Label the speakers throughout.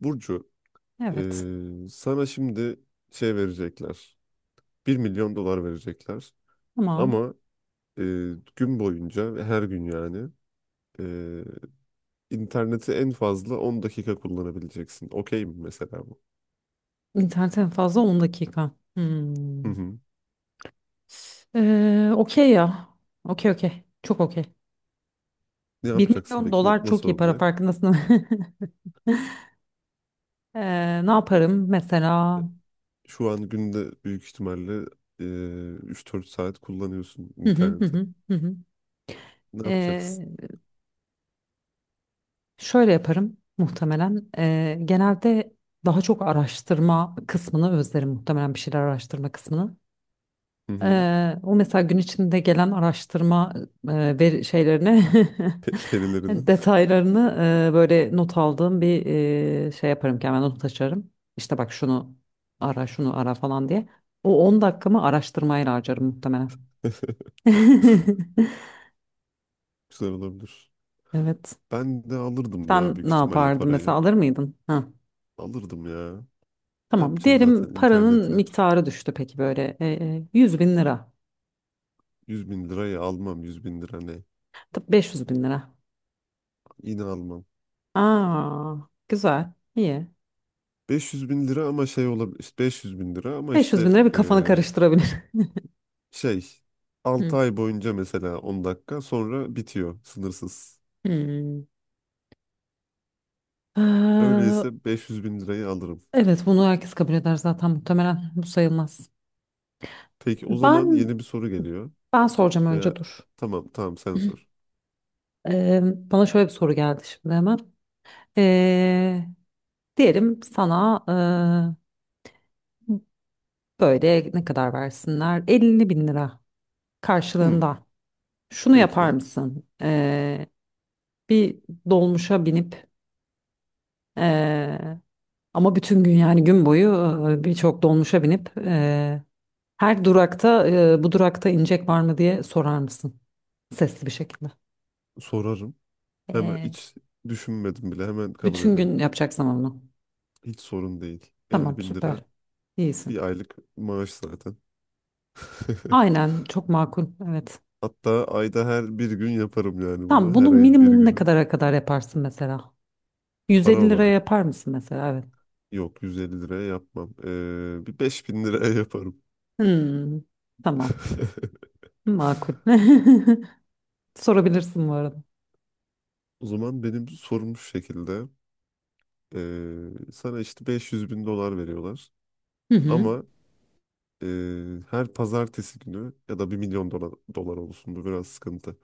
Speaker 1: Burcu,
Speaker 2: Evet.
Speaker 1: sana şimdi şey verecekler. Bir milyon dolar verecekler.
Speaker 2: Tamam.
Speaker 1: Ama eee, gün boyunca ve her gün yani eee, interneti en fazla 10 dakika kullanabileceksin. Okey mi mesela bu?
Speaker 2: İnternet en fazla 10 dakika.
Speaker 1: Hı
Speaker 2: Hmm.
Speaker 1: hı.
Speaker 2: Okey ya. Okey okey. Çok okey.
Speaker 1: Ne
Speaker 2: Bir
Speaker 1: yapacaksın
Speaker 2: milyon
Speaker 1: peki?
Speaker 2: dolar çok
Speaker 1: Nasıl
Speaker 2: iyi para
Speaker 1: olacak?
Speaker 2: farkındasın değil. Ne yaparım mesela?
Speaker 1: Şu an günde büyük ihtimalle eee 3-4 saat kullanıyorsun
Speaker 2: Hı hı hı
Speaker 1: interneti.
Speaker 2: hı hı, hı.
Speaker 1: Ne yapacaksın?
Speaker 2: Ee, Şöyle yaparım muhtemelen. Genelde daha çok araştırma kısmını özlerim muhtemelen, bir şeyler araştırma kısmını.
Speaker 1: Hı hı.
Speaker 2: O mesela gün içinde gelen araştırma veri şeylerini,
Speaker 1: Pe- perilerini.
Speaker 2: detaylarını, böyle not aldığım bir şey yaparım ki hemen not açarım. İşte bak, şunu ara, şunu ara falan diye. O 10 dakikamı araştırmayla harcarım muhtemelen.
Speaker 1: Güzel olabilir.
Speaker 2: Evet.
Speaker 1: Ben de alırdım ya,
Speaker 2: Sen
Speaker 1: büyük
Speaker 2: ne
Speaker 1: ihtimalle
Speaker 2: yapardın
Speaker 1: parayı.
Speaker 2: mesela, alır mıydın? Ha.
Speaker 1: Alırdım ya. Ne
Speaker 2: Tamam.
Speaker 1: yapacaksın zaten
Speaker 2: Diyelim paranın
Speaker 1: internete?
Speaker 2: miktarı düştü peki, böyle 100 bin lira.
Speaker 1: 100 bin lirayı almam, 100 bin lira ne?
Speaker 2: Tabii, 500 bin lira.
Speaker 1: Yine almam.
Speaker 2: Aa, güzel. İyi.
Speaker 1: 500 bin lira ama şey olabilir. İşte 500 bin lira ama
Speaker 2: 500 bin
Speaker 1: işte,
Speaker 2: lira bir kafanı karıştırabilir.
Speaker 1: şey, altı
Speaker 2: Hı.
Speaker 1: ay boyunca mesela 10 dakika sonra bitiyor sınırsız.
Speaker 2: Hmm. Ee,
Speaker 1: Öyleyse 500 bin lirayı alırım.
Speaker 2: evet, bunu herkes kabul eder zaten muhtemelen. Bu sayılmaz.
Speaker 1: Peki o zaman
Speaker 2: Ben
Speaker 1: yeni bir soru geliyor.
Speaker 2: ben soracağım
Speaker 1: Veya
Speaker 2: önce, dur.
Speaker 1: tamam, tamam, sen sor.
Speaker 2: Ee, Bana şöyle bir soru geldi şimdi hemen. Ee, Diyelim sana böyle ne kadar versinler? 50 bin lira
Speaker 1: Hmm,
Speaker 2: karşılığında. Şunu yapar
Speaker 1: peki
Speaker 2: mısın? Bir dolmuşa binip, ee, ama bütün gün, yani gün boyu, birçok dolmuşa binip, her durakta, bu durakta inecek var mı diye sorar mısın? Sesli bir şekilde.
Speaker 1: sorarım. Hemen
Speaker 2: Ee,
Speaker 1: hiç düşünmedim bile, hemen kabul
Speaker 2: Bütün
Speaker 1: ederim.
Speaker 2: gün yapacaksın ama bunu.
Speaker 1: Hiç sorun değil. elli
Speaker 2: Tamam,
Speaker 1: bin lira
Speaker 2: süper. İyisin.
Speaker 1: bir aylık maaş zaten.
Speaker 2: Aynen, çok makul. Evet.
Speaker 1: Hatta ayda her bir gün yaparım yani
Speaker 2: Tamam,
Speaker 1: bunu.
Speaker 2: bunu
Speaker 1: Her ayın bir
Speaker 2: minimum ne
Speaker 1: günü.
Speaker 2: kadara kadar yaparsın mesela?
Speaker 1: Para
Speaker 2: 150 liraya
Speaker 1: olarak.
Speaker 2: yapar mısın mesela? Evet.
Speaker 1: Yok, 150 liraya yapmam. Bir 5 bin liraya yaparım.
Speaker 2: Hmm, tamam. Makul. Sorabilirsin bu arada.
Speaker 1: O zaman benim sorum şu şekilde. Sana işte 500 bin dolar veriyorlar.
Speaker 2: Hı hı.
Speaker 1: Ama e, her pazartesi günü, ya da bir milyon dolar, dolar olsun, bu biraz sıkıntı.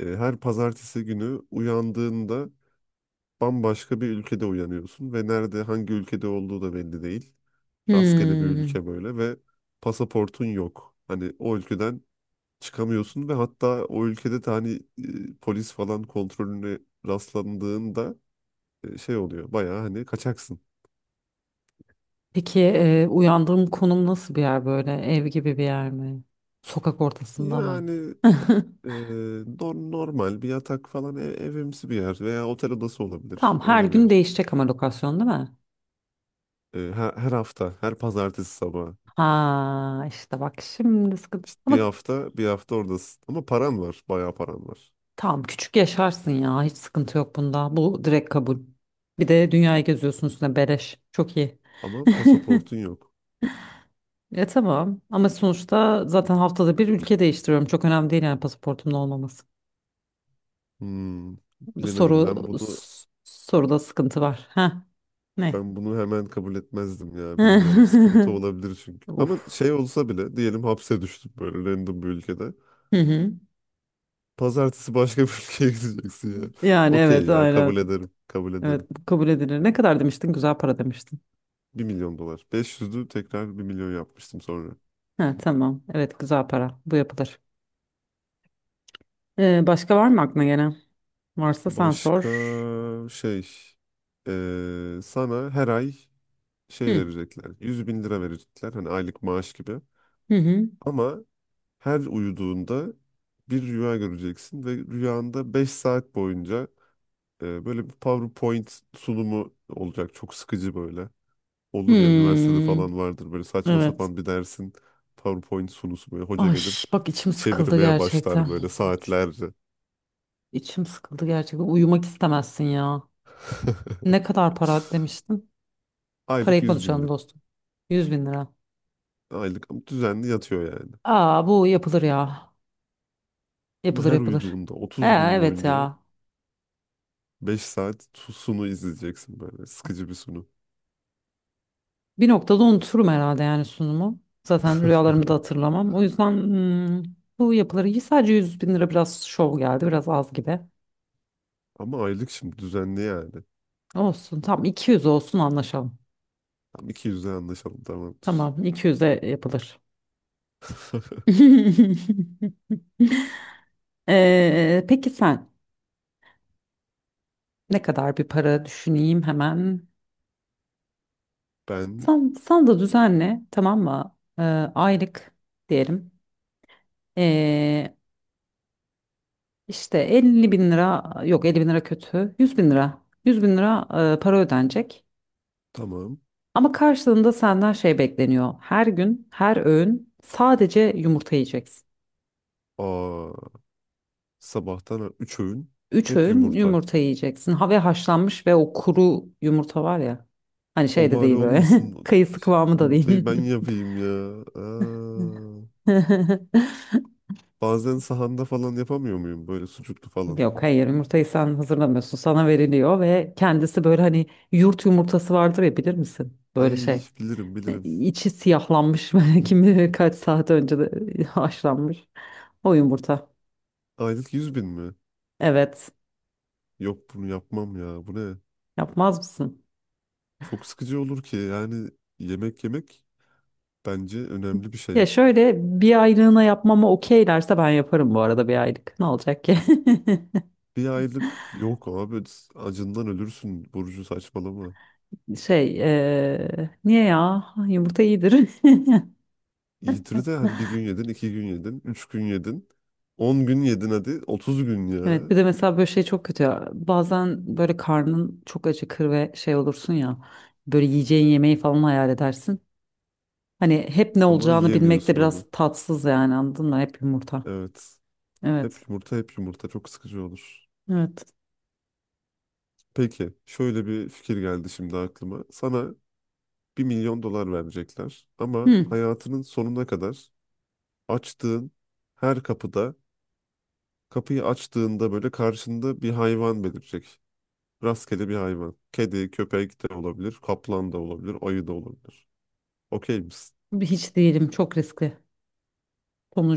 Speaker 1: Her pazartesi günü uyandığında bambaşka bir ülkede uyanıyorsun ve nerede, hangi ülkede olduğu da belli değil. Rastgele bir
Speaker 2: Hmm.
Speaker 1: ülke böyle ve pasaportun yok. Hani o ülkeden çıkamıyorsun ve hatta o ülkede de hani polis falan kontrolüne rastlandığında şey oluyor. Bayağı hani kaçaksın.
Speaker 2: Peki uyandığım konum nasıl bir yer böyle? Ev gibi bir yer mi? Sokak ortasında mı?
Speaker 1: Yani e, normal bir yatak falan, evimsi bir yer veya otel odası olabilir.
Speaker 2: Tamam, her
Speaker 1: Öyle bir
Speaker 2: gün
Speaker 1: yer.
Speaker 2: değişecek ama lokasyon, değil mi?
Speaker 1: Her hafta, her pazartesi sabahı.
Speaker 2: Ha, işte bak, şimdi sıkıntı.
Speaker 1: İşte bir
Speaker 2: Ama
Speaker 1: hafta, bir hafta oradasın. Ama paran var, bayağı paran var.
Speaker 2: tamam, küçük yaşarsın ya, hiç sıkıntı yok bunda. Bu direkt kabul. Bir de dünyayı geziyorsun üstüne, beleş. Çok iyi.
Speaker 1: Ama pasaportun yok.
Speaker 2: Tamam ama sonuçta zaten haftada bir ülke değiştiriyorum. Çok önemli değil yani, pasaportumun olmaması.
Speaker 1: Hmm,
Speaker 2: Bu
Speaker 1: bilemedim.
Speaker 2: soru
Speaker 1: Ben bunu
Speaker 2: soruda sıkıntı var. Ha, ne?
Speaker 1: ben bunu hemen kabul etmezdim ya. Bilmiyorum. Sıkıntı olabilir çünkü.
Speaker 2: Uf.
Speaker 1: Ama şey olsa bile, diyelim hapse düştüm böyle random bir ülkede.
Speaker 2: Hı hı.
Speaker 1: Pazartesi başka bir ülkeye gideceksin ya.
Speaker 2: Yani
Speaker 1: Okey
Speaker 2: evet,
Speaker 1: ya, kabul
Speaker 2: aynen.
Speaker 1: ederim. Kabul
Speaker 2: Evet,
Speaker 1: ederim.
Speaker 2: bu kabul edilir. Ne kadar demiştin? Güzel para demiştin.
Speaker 1: Bir milyon dolar. 500'ü tekrar bir milyon yapmıştım sonra.
Speaker 2: Ha, tamam. Evet, güzel para. Bu yapılır. Başka var mı aklına gelen? Varsa sen
Speaker 1: Başka
Speaker 2: sor.
Speaker 1: şey, sana her ay şey
Speaker 2: Hı
Speaker 1: verecekler. 100 bin lira verecekler. Hani aylık maaş gibi.
Speaker 2: hı hı.
Speaker 1: Ama her uyuduğunda bir rüya göreceksin ve rüyanda 5 saat boyunca böyle bir PowerPoint sunumu olacak. Çok sıkıcı böyle. Olur ya, üniversitede
Speaker 2: Hmm.
Speaker 1: falan vardır böyle saçma
Speaker 2: Evet.
Speaker 1: sapan bir dersin PowerPoint sunusu, böyle hoca
Speaker 2: Ay,
Speaker 1: gelir
Speaker 2: bak içim sıkıldı
Speaker 1: çevirmeye başlar
Speaker 2: gerçekten.
Speaker 1: böyle saatlerce.
Speaker 2: İçim sıkıldı gerçekten. Uyumak istemezsin ya. Ne kadar para demiştin?
Speaker 1: Aylık
Speaker 2: Parayı
Speaker 1: 100 bin
Speaker 2: konuşalım
Speaker 1: lira.
Speaker 2: dostum. Yüz bin lira.
Speaker 1: Aylık ama düzenli yatıyor yani.
Speaker 2: Aa, bu yapılır ya.
Speaker 1: Ama
Speaker 2: Yapılır,
Speaker 1: her
Speaker 2: yapılır.
Speaker 1: uyuduğunda 30 gün
Speaker 2: Evet
Speaker 1: boyunca
Speaker 2: ya.
Speaker 1: 5 saat sunu izleyeceksin, böyle sıkıcı bir sunu.
Speaker 2: Bir noktada unuturum herhalde yani sunumu. Zaten rüyalarımı da hatırlamam. O yüzden bu yapıları iyi. Sadece 100 bin lira biraz şov geldi. Biraz az gibi.
Speaker 1: Ama aylık, şimdi düzenli yani.
Speaker 2: Olsun. Tam 200 olsun, anlaşalım.
Speaker 1: Tam 200'e anlaşalım, tamamdır.
Speaker 2: Tamam, 200'e yapılır. Peki sen, ne kadar bir para düşüneyim hemen.
Speaker 1: Ben.
Speaker 2: Sen de düzenle, tamam mı? Aylık diyelim. Ee, işte 50 bin lira, yok 50 bin lira kötü. Yüz bin lira. 100 bin lira para ödenecek.
Speaker 1: Tamam.
Speaker 2: Ama karşılığında senden şey bekleniyor. Her gün, her öğün sadece yumurta yiyeceksin.
Speaker 1: Aa, sabahtan 3 öğün
Speaker 2: Üç
Speaker 1: hep
Speaker 2: öğün
Speaker 1: yumurta.
Speaker 2: yumurta yiyeceksin. Ha, ve haşlanmış, ve o kuru yumurta var ya. Hani şey
Speaker 1: O
Speaker 2: de
Speaker 1: bari
Speaker 2: değil böyle.
Speaker 1: olmasın.
Speaker 2: Kayısı kıvamı da değil.
Speaker 1: Yumurtayı ben yapayım ya. Aa, bazen sahanda falan yapamıyor muyum böyle sucuklu falan?
Speaker 2: Yok, hayır, yumurtayı sen hazırlamıyorsun. Sana veriliyor ve kendisi, böyle, hani yurt yumurtası vardır ya, bilir misin? Böyle
Speaker 1: Ay
Speaker 2: şey.
Speaker 1: iş, bilirim bilirim.
Speaker 2: İçi siyahlanmış, kim bilir kaç saat önce de haşlanmış. O yumurta.
Speaker 1: Aylık yüz bin mi?
Speaker 2: Evet.
Speaker 1: Yok, bunu yapmam ya. Bu ne?
Speaker 2: Yapmaz mısın?
Speaker 1: Çok sıkıcı olur ki. Yani, yemek yemek bence önemli bir
Speaker 2: Ya
Speaker 1: şey.
Speaker 2: şöyle, bir aylığına yapmama okeylerse ben yaparım bu arada, bir aylık. Ne olacak ki?
Speaker 1: Bir aylık yok abi, acından ölürsün Burcu, saçmalama.
Speaker 2: Şey, niye ya? Yumurta iyidir.
Speaker 1: Yitiri de hadi, bir gün yedin, iki gün yedin, üç gün yedin, 10 gün yedin hadi, 30 gün
Speaker 2: Evet,
Speaker 1: ya.
Speaker 2: bir de mesela böyle şey çok kötü ya. Bazen böyle karnın çok acıkır ve şey olursun ya. Böyle yiyeceğin yemeği falan hayal edersin. Hani hep ne
Speaker 1: Ama
Speaker 2: olacağını bilmek de
Speaker 1: yiyemiyorsun
Speaker 2: biraz
Speaker 1: onu.
Speaker 2: tatsız yani, anladın mı? Hep yumurta.
Speaker 1: Evet. Hep
Speaker 2: Evet.
Speaker 1: yumurta, hep yumurta, çok sıkıcı olur.
Speaker 2: Evet.
Speaker 1: Peki, şöyle bir fikir geldi şimdi aklıma. Sana bir milyon dolar verecekler, ama
Speaker 2: Hmm,
Speaker 1: hayatının sonuna kadar açtığın her kapıda, kapıyı açtığında böyle karşında bir hayvan belirecek. Rastgele bir hayvan. Kedi, köpek de olabilir. Kaplan da olabilir. Ayı da olabilir. Okey misin?
Speaker 2: Hiç değilim. Çok riskli.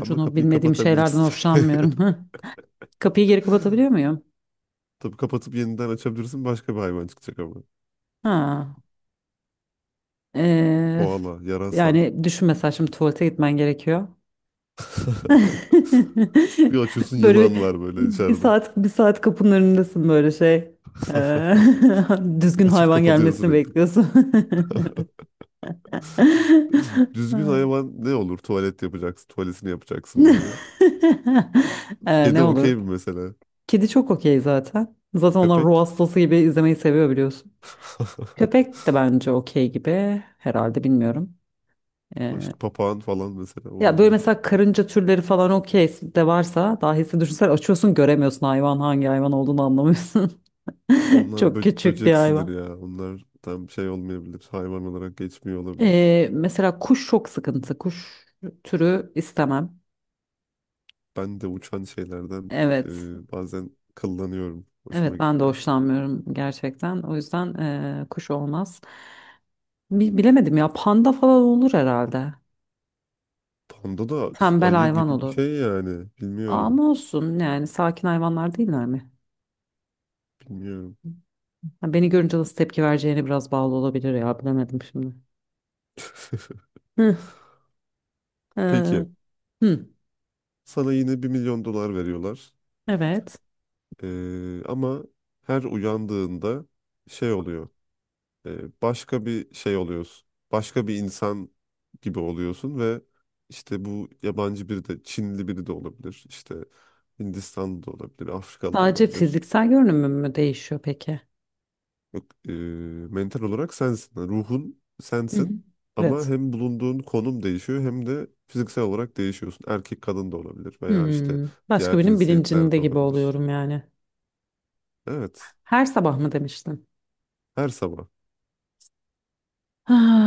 Speaker 1: Ama kapıyı
Speaker 2: bilmediğim şeylerden
Speaker 1: kapatabilirsin.
Speaker 2: hoşlanmıyorum. Kapıyı geri kapatabiliyor muyum?
Speaker 1: Tabii, kapatıp yeniden açabilirsin. Başka bir hayvan çıkacak ama.
Speaker 2: Ha. Ee,
Speaker 1: Koala, yarasa.
Speaker 2: Yani düşün mesela, şimdi tuvalete gitmen gerekiyor.
Speaker 1: Bir açıyorsun,
Speaker 2: Böyle
Speaker 1: yılan var böyle
Speaker 2: bir
Speaker 1: içeride.
Speaker 2: saat bir saat kapının önündesin böyle şey. Ee, Düzgün
Speaker 1: Açıp
Speaker 2: hayvan
Speaker 1: kapatıyor
Speaker 2: gelmesini
Speaker 1: sürekli.
Speaker 2: bekliyorsun.
Speaker 1: Peki, düzgün
Speaker 2: Evet.
Speaker 1: hayvan ne olur? Tuvalet yapacaksın. Tuvaletini yapacaksın böyle. Kedi
Speaker 2: Ne olur?
Speaker 1: okey mi mesela?
Speaker 2: Kedi çok okey zaten. Zaten onlar ruh
Speaker 1: Köpek?
Speaker 2: hastası gibi izlemeyi seviyor, biliyorsun. Köpek de bence okey gibi herhalde, bilmiyorum.
Speaker 1: Başka, papağan falan mesela
Speaker 2: Ya böyle
Speaker 1: olabilir.
Speaker 2: mesela karınca türleri falan okey de, varsa dahisi düşünsel açıyorsun, göremiyorsun hayvan, hangi hayvan olduğunu anlamıyorsun.
Speaker 1: Onlar
Speaker 2: Çok küçük bir
Speaker 1: böceksidir
Speaker 2: hayvan.
Speaker 1: ya. Onlar tam şey olmayabilir. Hayvan olarak geçmiyor olabilir.
Speaker 2: Mesela kuş çok sıkıntı. Kuş türü istemem.
Speaker 1: Ben de uçan şeylerden
Speaker 2: Evet.
Speaker 1: bazen kıllanıyorum. Hoşuma
Speaker 2: Evet, ben de
Speaker 1: gitmiyor.
Speaker 2: hoşlanmıyorum gerçekten. O yüzden kuş olmaz. Bilemedim ya, panda falan olur herhalde.
Speaker 1: Panda da
Speaker 2: Tembel
Speaker 1: ayı
Speaker 2: hayvan
Speaker 1: gibi bir
Speaker 2: olur.
Speaker 1: şey yani. Bilmiyorum.
Speaker 2: Ama olsun yani, sakin hayvanlar değiller mi?
Speaker 1: Bilmiyorum.
Speaker 2: Ha, beni görünce nasıl tepki vereceğine biraz bağlı olabilir ya, bilemedim şimdi. Hı. Ee,
Speaker 1: Peki.
Speaker 2: Hı,
Speaker 1: Sana yine bir milyon dolar veriyorlar.
Speaker 2: evet.
Speaker 1: Ama her uyandığında şey oluyor. Başka bir şey oluyorsun. Başka bir insan gibi oluyorsun ve işte, bu yabancı biri de Çinli biri de olabilir. İşte Hindistanlı da olabilir, Afrikalı da
Speaker 2: Sadece
Speaker 1: olabilir.
Speaker 2: fiziksel görünümü mü değişiyor peki?
Speaker 1: Yok, mental olarak sensin. Yani, ruhun
Speaker 2: Hı hı.
Speaker 1: sensin ama
Speaker 2: Evet.
Speaker 1: hem bulunduğun konum değişiyor hem de fiziksel olarak değişiyorsun. Erkek, kadın da olabilir veya işte
Speaker 2: Başka
Speaker 1: diğer
Speaker 2: birinin
Speaker 1: cinsiyetler
Speaker 2: bilincinde
Speaker 1: de
Speaker 2: gibi
Speaker 1: olabilir.
Speaker 2: oluyorum yani.
Speaker 1: Evet,
Speaker 2: Her sabah mı demiştin?
Speaker 1: her sabah.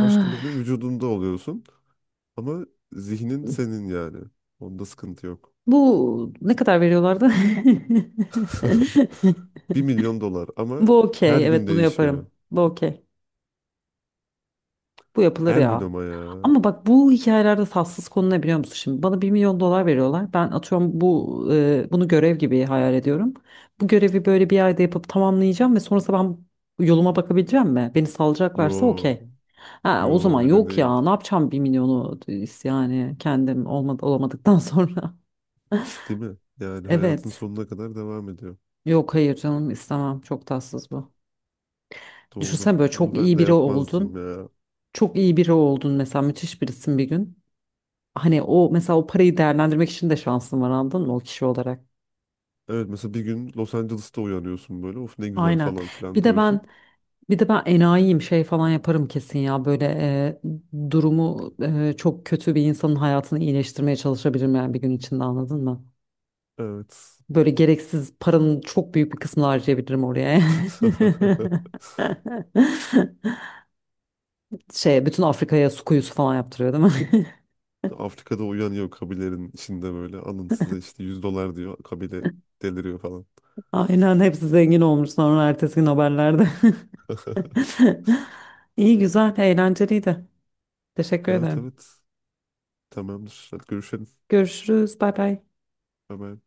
Speaker 1: Başka birinin vücudunda oluyorsun ama zihnin senin yani. Onda sıkıntı yok.
Speaker 2: bu ne kadar veriyorlardı?
Speaker 1: Bir milyon dolar, ama
Speaker 2: Bu
Speaker 1: her
Speaker 2: okey.
Speaker 1: gün
Speaker 2: Evet, bunu
Speaker 1: değişiyor.
Speaker 2: yaparım. Bu okey. Bu yapılır
Speaker 1: Her gün
Speaker 2: ya.
Speaker 1: ama ya.
Speaker 2: Ama bak, bu hikayelerde tatsız konu ne biliyor musun? Şimdi bana bir milyon dolar veriyorlar. Ben atıyorum bu, bunu görev gibi hayal ediyorum. Bu görevi böyle bir ayda yapıp tamamlayacağım ve sonrasında ben yoluma bakabileceğim mi? Beni salacaklarsa
Speaker 1: Yo,
Speaker 2: okey. Ha, o
Speaker 1: yo,
Speaker 2: zaman
Speaker 1: öyle
Speaker 2: yok ya,
Speaker 1: değil.
Speaker 2: ne yapacağım bir milyonu yani, kendim olmadı, olamadıktan sonra.
Speaker 1: Değil mi? Yani hayatın
Speaker 2: Evet.
Speaker 1: sonuna kadar devam ediyor.
Speaker 2: Yok, hayır, canım istemem. Çok tatsız bu.
Speaker 1: Doğru.
Speaker 2: Düşünsen, böyle
Speaker 1: Bunu
Speaker 2: çok
Speaker 1: ben
Speaker 2: iyi
Speaker 1: de
Speaker 2: biri
Speaker 1: yapmazdım
Speaker 2: oldun.
Speaker 1: ya.
Speaker 2: Çok iyi biri oldun mesela, müthiş birisin bir gün. Hani o mesela o parayı değerlendirmek için de şansın var anladın mı, o kişi olarak.
Speaker 1: Evet, mesela bir gün Los Angeles'ta uyanıyorsun böyle. Of, ne güzel
Speaker 2: Aynen.
Speaker 1: falan filan
Speaker 2: Bir de ben
Speaker 1: diyorsun.
Speaker 2: bir de ben enayiyim, şey falan yaparım kesin ya, böyle durumu çok kötü bir insanın hayatını iyileştirmeye çalışabilirim yani bir gün içinde, anladın mı?
Speaker 1: Evet.
Speaker 2: Böyle gereksiz, paranın çok büyük bir kısmını harcayabilirim oraya. Şey, bütün Afrika'ya su kuyusu falan yaptırıyor değil mi?
Speaker 1: Afrika'da uyanıyor, kabilerin içinde böyle. Alın size işte 100 dolar diyor. Kabile deliriyor falan.
Speaker 2: Aynen, hepsi zengin olmuş sonra ertesi gün haberlerde. İyi, güzel, eğlenceliydi. Teşekkür
Speaker 1: Evet,
Speaker 2: ederim.
Speaker 1: evet. Tamamdır. Hadi görüşelim.
Speaker 2: Görüşürüz. Bay bay.
Speaker 1: Bye bye.